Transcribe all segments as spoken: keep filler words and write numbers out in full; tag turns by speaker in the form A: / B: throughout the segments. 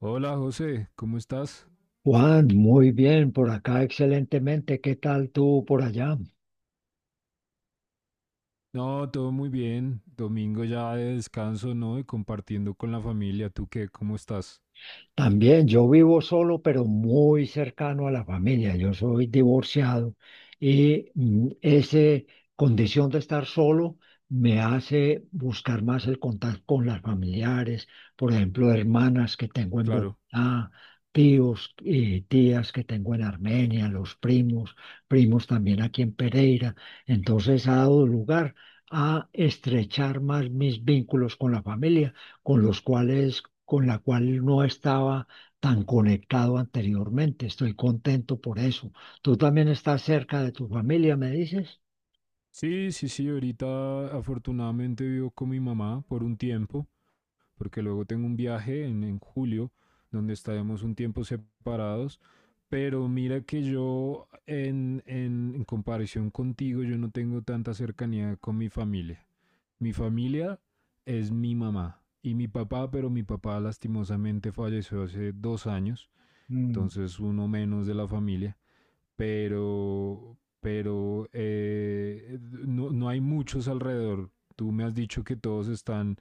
A: Hola José, ¿cómo estás?
B: Juan, muy bien, por acá excelentemente. ¿Qué tal tú por allá?
A: No, todo muy bien. Domingo ya de descanso, ¿no? Y compartiendo con la familia. ¿Tú qué? ¿Cómo estás?
B: También yo vivo solo, pero muy cercano a la familia. Yo soy divorciado y mm, ese condición de estar solo me hace buscar más el contacto con las familiares, por ejemplo, hermanas que tengo en
A: Claro.
B: Bogotá, tíos y tías que tengo en Armenia, los primos, primos también aquí en Pereira. Entonces ha dado lugar a estrechar más mis vínculos con la familia con los cuales, con la cual no estaba tan conectado anteriormente. Estoy contento por eso. ¿Tú también estás cerca de tu familia, me dices?
A: Sí, sí, sí. Ahorita afortunadamente vivo con mi mamá por un tiempo, porque luego tengo un viaje en, en julio, donde estaremos un tiempo separados. Pero mira que yo, en, en en comparación contigo, yo no tengo tanta cercanía con mi familia. Mi familia es mi mamá y mi papá, pero mi papá lastimosamente falleció hace dos años,
B: Mm,
A: entonces uno menos de la familia, pero, pero eh, no, no hay muchos alrededor. Tú me has dicho que todos están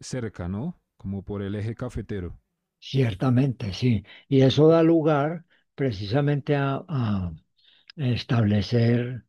A: cerca, ¿no? Como por el eje cafetero.
B: Ciertamente, sí. Y eso da lugar precisamente a, a establecer,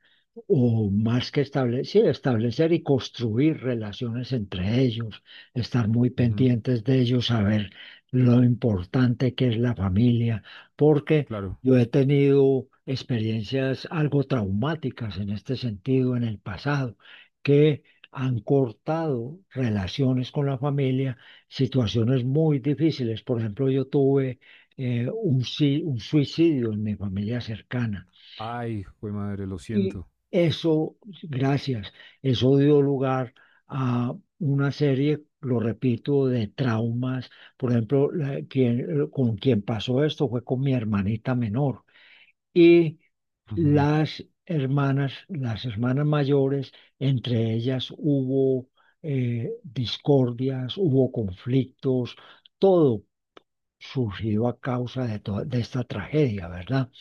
B: o más que establecer, sí, establecer y construir relaciones entre ellos, estar muy
A: Ujú,
B: pendientes de ellos, saber lo importante que es la familia, porque
A: claro.
B: yo he tenido experiencias algo traumáticas en este sentido en el pasado, que han cortado relaciones con la familia, situaciones muy difíciles. Por ejemplo, yo tuve eh, un, si- un suicidio en mi familia cercana
A: Ay, güey madre, lo
B: y
A: siento.
B: eso, gracias, eso dio lugar a una serie, lo repito, de traumas. Por ejemplo, la- quien- con quien pasó esto fue con mi hermanita menor. Y
A: Ujú.
B: las hermanas, las hermanas mayores, entre ellas hubo eh, discordias, hubo conflictos, todo surgido a causa de, toda, de esta tragedia, ¿verdad?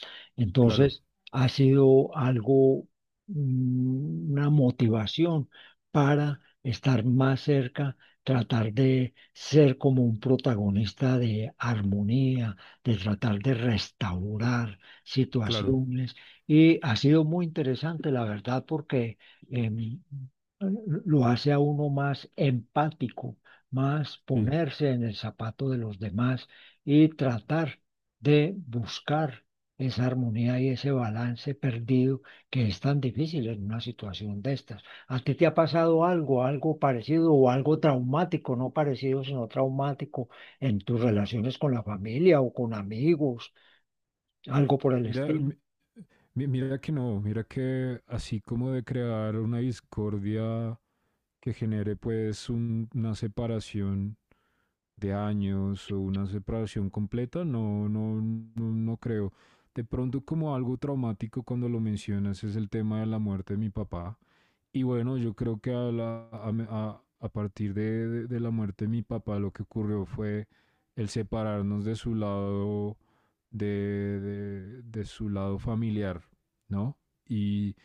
A: Claro,
B: Entonces, ha sido algo, mm, una motivación para estar más cerca, tratar de ser como un protagonista de armonía, de tratar de restaurar
A: claro.
B: situaciones. Y ha sido muy interesante, la verdad, porque em, lo hace a uno más empático, más
A: Sí.
B: ponerse en el zapato de los demás y tratar de buscar esa armonía y ese balance perdido que es tan difícil en una situación de estas. ¿A ti te ha pasado algo, algo parecido o algo traumático, no parecido, sino traumático en tus relaciones con la familia o con amigos, algo por el
A: Mira,
B: estilo?
A: mi- mi- mira que no, mira que así como de crear una discordia que genere pues un- una separación de años o una separación completa, no, no, no, no creo. De pronto como algo traumático cuando lo mencionas es el tema de la muerte de mi papá. Y bueno, yo creo que a, la- a me- a- a partir de, de- de la muerte de mi papá, lo que ocurrió fue el separarnos de su lado, de, de- de su lado familiar, ¿no? Y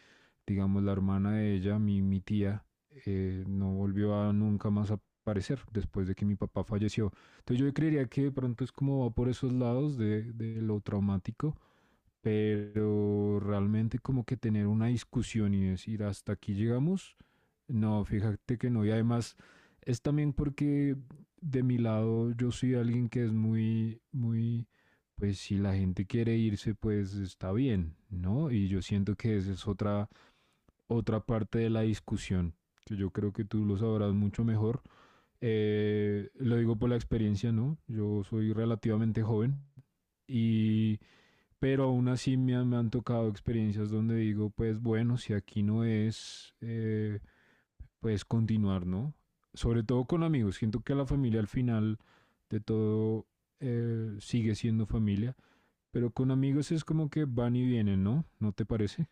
A: digamos, la hermana de ella, mi, mi tía, eh, no volvió a nunca más aparecer después de que mi papá falleció. Entonces yo creería que de pronto es como va por esos lados de, de lo traumático, pero realmente como que tener una discusión y decir hasta aquí llegamos no, fíjate que no. Y además es también porque de mi lado yo soy alguien que es muy, muy, pues si la gente quiere irse, pues está bien, ¿no? Y yo siento que esa es otra, otra parte de la discusión, que yo creo que tú lo sabrás mucho mejor. Eh, lo digo por la experiencia, ¿no? Yo soy relativamente joven y pero aún así me han, me han tocado experiencias donde digo, pues bueno, si aquí no es, eh, pues continuar, ¿no? Sobre todo con amigos. Siento que la familia al final de todo eh, sigue siendo familia, pero con amigos es como que van y vienen, ¿no? ¿No te parece?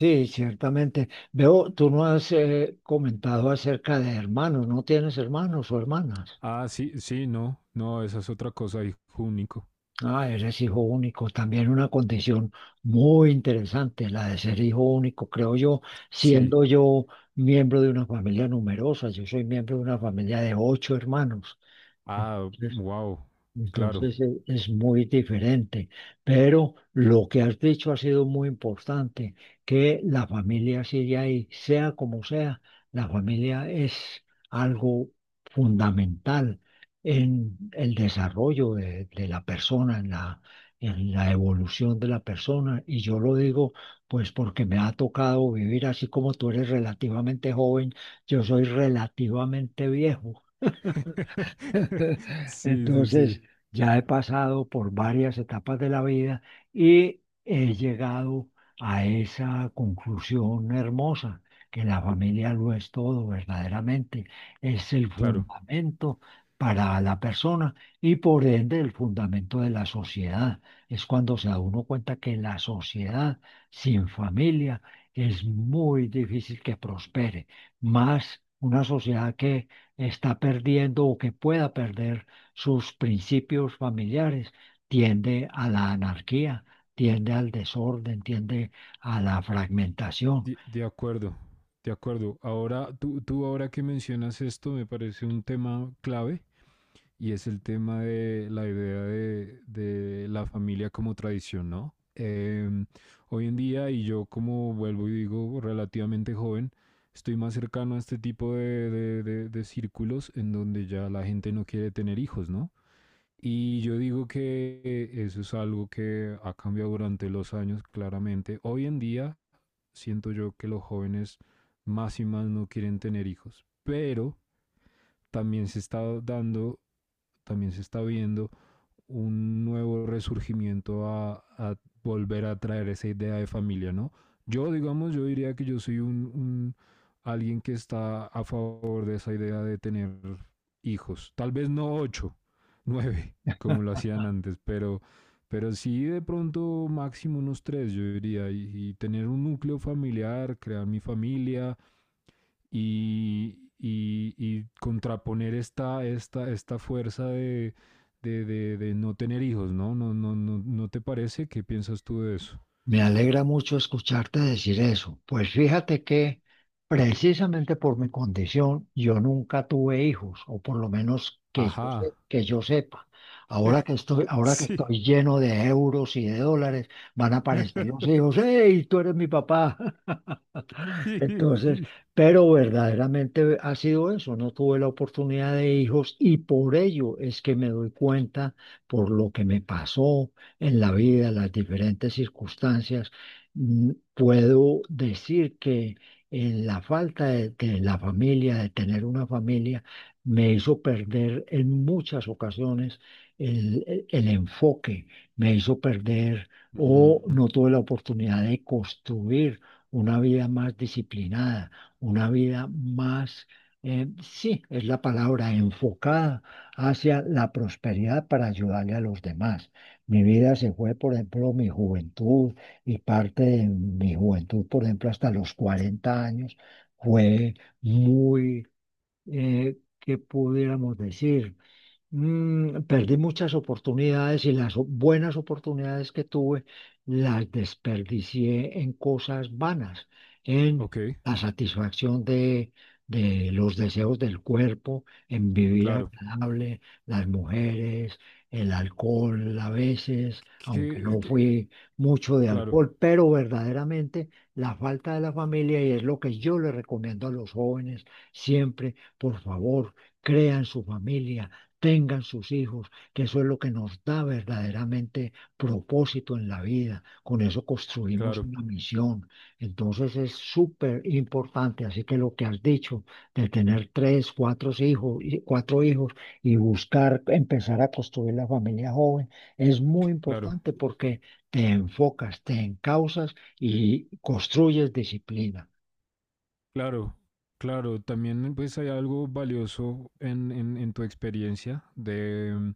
B: Sí, ciertamente. Veo, tú no has eh, comentado acerca de hermanos, no tienes hermanos o hermanas.
A: Ah, sí, sí, no, no, esa es otra cosa, hijo único.
B: Ah, eres hijo único, también una condición muy interesante, la de ser hijo único, creo yo,
A: Sí.
B: siendo yo miembro de una familia numerosa, yo soy miembro de una familia de ocho hermanos.
A: Ah, wow, claro.
B: Entonces e- es muy diferente, pero lo que has dicho ha sido muy importante, que la familia sigue ahí, sea como sea, la familia es algo fundamental en el desarrollo de, de la persona, en la, en la evolución de la persona. Y yo lo digo pues porque me ha tocado vivir así como tú eres relativamente joven, yo soy relativamente viejo.
A: Sí, sí, sí,
B: Entonces, ya he pasado por varias etapas de la vida y he llegado a esa conclusión hermosa, que la familia lo es todo verdaderamente, es el
A: claro.
B: fundamento para la persona y por ende el fundamento de la sociedad. Es cuando se da uno cuenta que la sociedad sin familia es muy difícil que prospere, más una sociedad que está perdiendo o que pueda perder sus principios familiares, tiende a la anarquía, tiende al desorden, tiende a la fragmentación.
A: De, de acuerdo, de acuerdo. Ahora, tú, tú ahora que mencionas esto, me parece un tema clave. Y es el tema de la idea de, de la familia como tradición, ¿no? Em, hoy en día, y yo como vuelvo y digo, relativamente joven, estoy más cercano a este tipo de, de- de- de círculos en donde ya la gente no quiere tener hijos, ¿no? Y yo digo que eso es algo que ha cambiado durante los años, claramente. Hoy en día siento yo que los jóvenes más y más no quieren tener hijos, pero también se está dando, también se está viendo un nuevo resurgimiento a, a, volver a traer esa idea de familia, ¿no? Yo, digamos, yo diría que yo soy un, un alguien que está a favor de esa idea de tener hijos. Tal vez no ocho, nueve, como lo hacían antes, pero, pero sí de pronto máximo unos tres, yo diría, y, y tener un núcleo familiar, crear mi familia, y, y- y contraponer esta, esta, esta fuerza de, de- de- de no tener hijos, ¿no? ¿no? No, no, ¿No te parece? ¿Qué piensas tú de eso?
B: Me alegra mucho escucharte decir eso. Pues fíjate que precisamente por mi condición yo nunca tuve hijos, o por lo menos que yo, se-
A: Ajá.
B: que yo sepa. Ahora que estoy, ahora que
A: Sí.
B: estoy lleno de euros y de dólares, van a aparecer los hijos. ¡Hey, tú eres mi papá!
A: Sí,
B: Entonces,
A: sí.
B: pero verdaderamente ha sido eso, no tuve la oportunidad de hijos y por ello es que me doy cuenta por lo que me pasó en la vida, las diferentes circunstancias. Mm, puedo decir que en la falta de, de la familia, de tener una familia, me hizo perder en muchas ocasiones el, el el enfoque, me hizo perder o
A: Ujú.
B: no tuve la oportunidad de construir una vida más disciplinada, una vida más, eh, sí, es la palabra, enfocada hacia la prosperidad para ayudarle a los demás. Mi vida se fue, por ejemplo, mi juventud y parte de mi juventud, por ejemplo, hasta los cuarenta años, fue muy, eh, ¿qué pudiéramos decir? Mm, perdí muchas oportunidades y las o- buenas oportunidades que tuve las desperdicié en cosas vanas, en
A: Ok,
B: la satisfacción de, de los deseos del cuerpo, en vivir
A: claro.
B: agradable, las mujeres, el alcohol a veces, aunque
A: Que-
B: no
A: que-
B: fui mucho de
A: claro,
B: alcohol, pero verdaderamente la falta de la familia y es lo que yo le recomiendo a los jóvenes siempre, por favor, crean su familia, tengan sus hijos, que eso es lo que nos da verdaderamente propósito en la vida. Con eso construimos
A: claro,
B: una misión. Entonces es súper importante, así que lo que has dicho de tener tres, cuatro hijos, y- cuatro hijos y buscar empezar a construir la familia joven es muy
A: claro,
B: importante porque te enfocas, te encauzas y construyes disciplina.
A: claro, claro. También pues hay algo valioso en, en- en tu experiencia de, mm,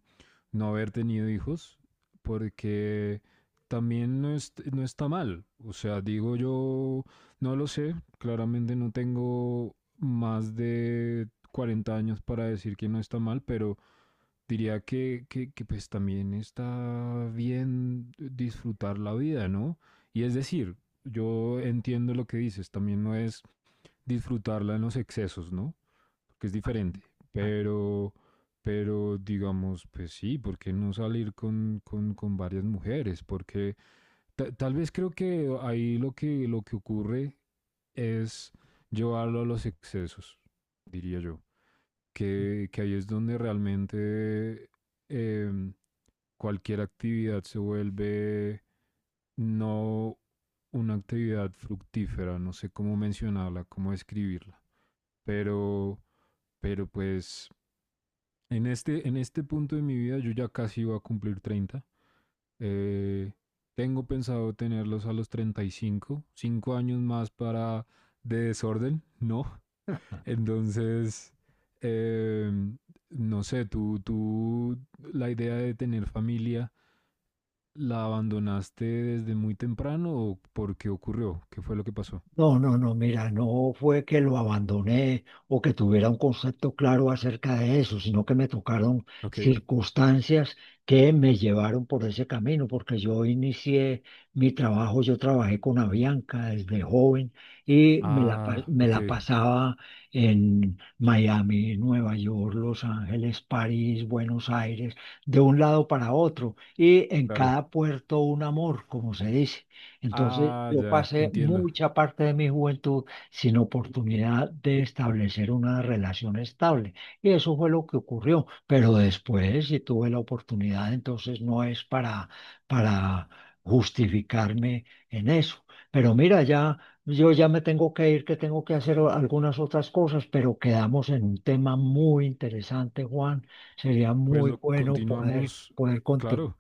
A: no haber tenido hijos, porque también no, es- no está mal. O sea, digo yo, no lo sé, claramente no tengo más de cuarenta años para decir que no está mal, pero diría que, que, que, pues también está bien disfrutar la vida, ¿no? Y es decir, yo entiendo lo que dices, también no es disfrutarla en los excesos, ¿no? Porque es diferente. Pero, pero digamos, pues sí, ¿por qué no salir con, con, con varias mujeres? Porque ta- tal vez creo que ahí lo que, lo que ocurre es llevarlo a los excesos, diría yo. Que, que ahí es donde realmente em, cualquier actividad se vuelve no una actividad fructífera, no sé cómo mencionarla, cómo escribirla. Pero, pero pues en este, en este punto de mi vida yo ya casi voy a cumplir treinta. Eh, tengo pensado tenerlos a los treinta y cinco, cinco años más para de desorden, ¿no? Entonces, eh, no sé, tú, tú la idea de tener familia, ¿la abandonaste desde muy temprano o por qué ocurrió? ¿Qué fue lo que pasó?
B: No, no, no, mira, no fue que lo abandoné o que tuviera un concepto claro acerca de eso, sino que me tocaron
A: Ok.
B: circunstancias que me llevaron por ese camino, porque yo inicié mi trabajo, yo trabajé con Avianca desde joven y me la, pa-
A: Ah,
B: me
A: ok,
B: la pasaba en Miami, Nueva York, Los Ángeles, París, Buenos Aires, de un lado para otro y en
A: claro.
B: cada puerto un amor, como se dice. Entonces,
A: Ah,
B: yo
A: ya,
B: pasé
A: entiendo.
B: mucha parte de mi juventud sin oportunidad de establecer una relación estable. Y eso fue lo que ocurrió. Pero después, si tuve la oportunidad, entonces no es para, para justificarme en eso. Pero mira, ya yo ya me tengo que ir, que tengo que hacer o- algunas otras cosas, pero quedamos en un tema muy interesante, Juan. Sería
A: Pues
B: muy
A: lo
B: bueno poder,
A: continuamos,
B: poder continuar.
A: claro,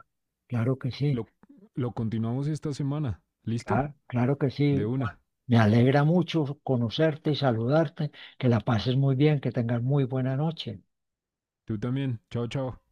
B: Claro que sí.
A: lo, lo continuamos esta semana. ¿Listo?
B: Claro, claro que
A: De
B: sí. Juan.
A: una.
B: Me alegra mucho conocerte y saludarte. Que la pases muy bien, que tengas muy buena noche.
A: Tú también. Chao, chao.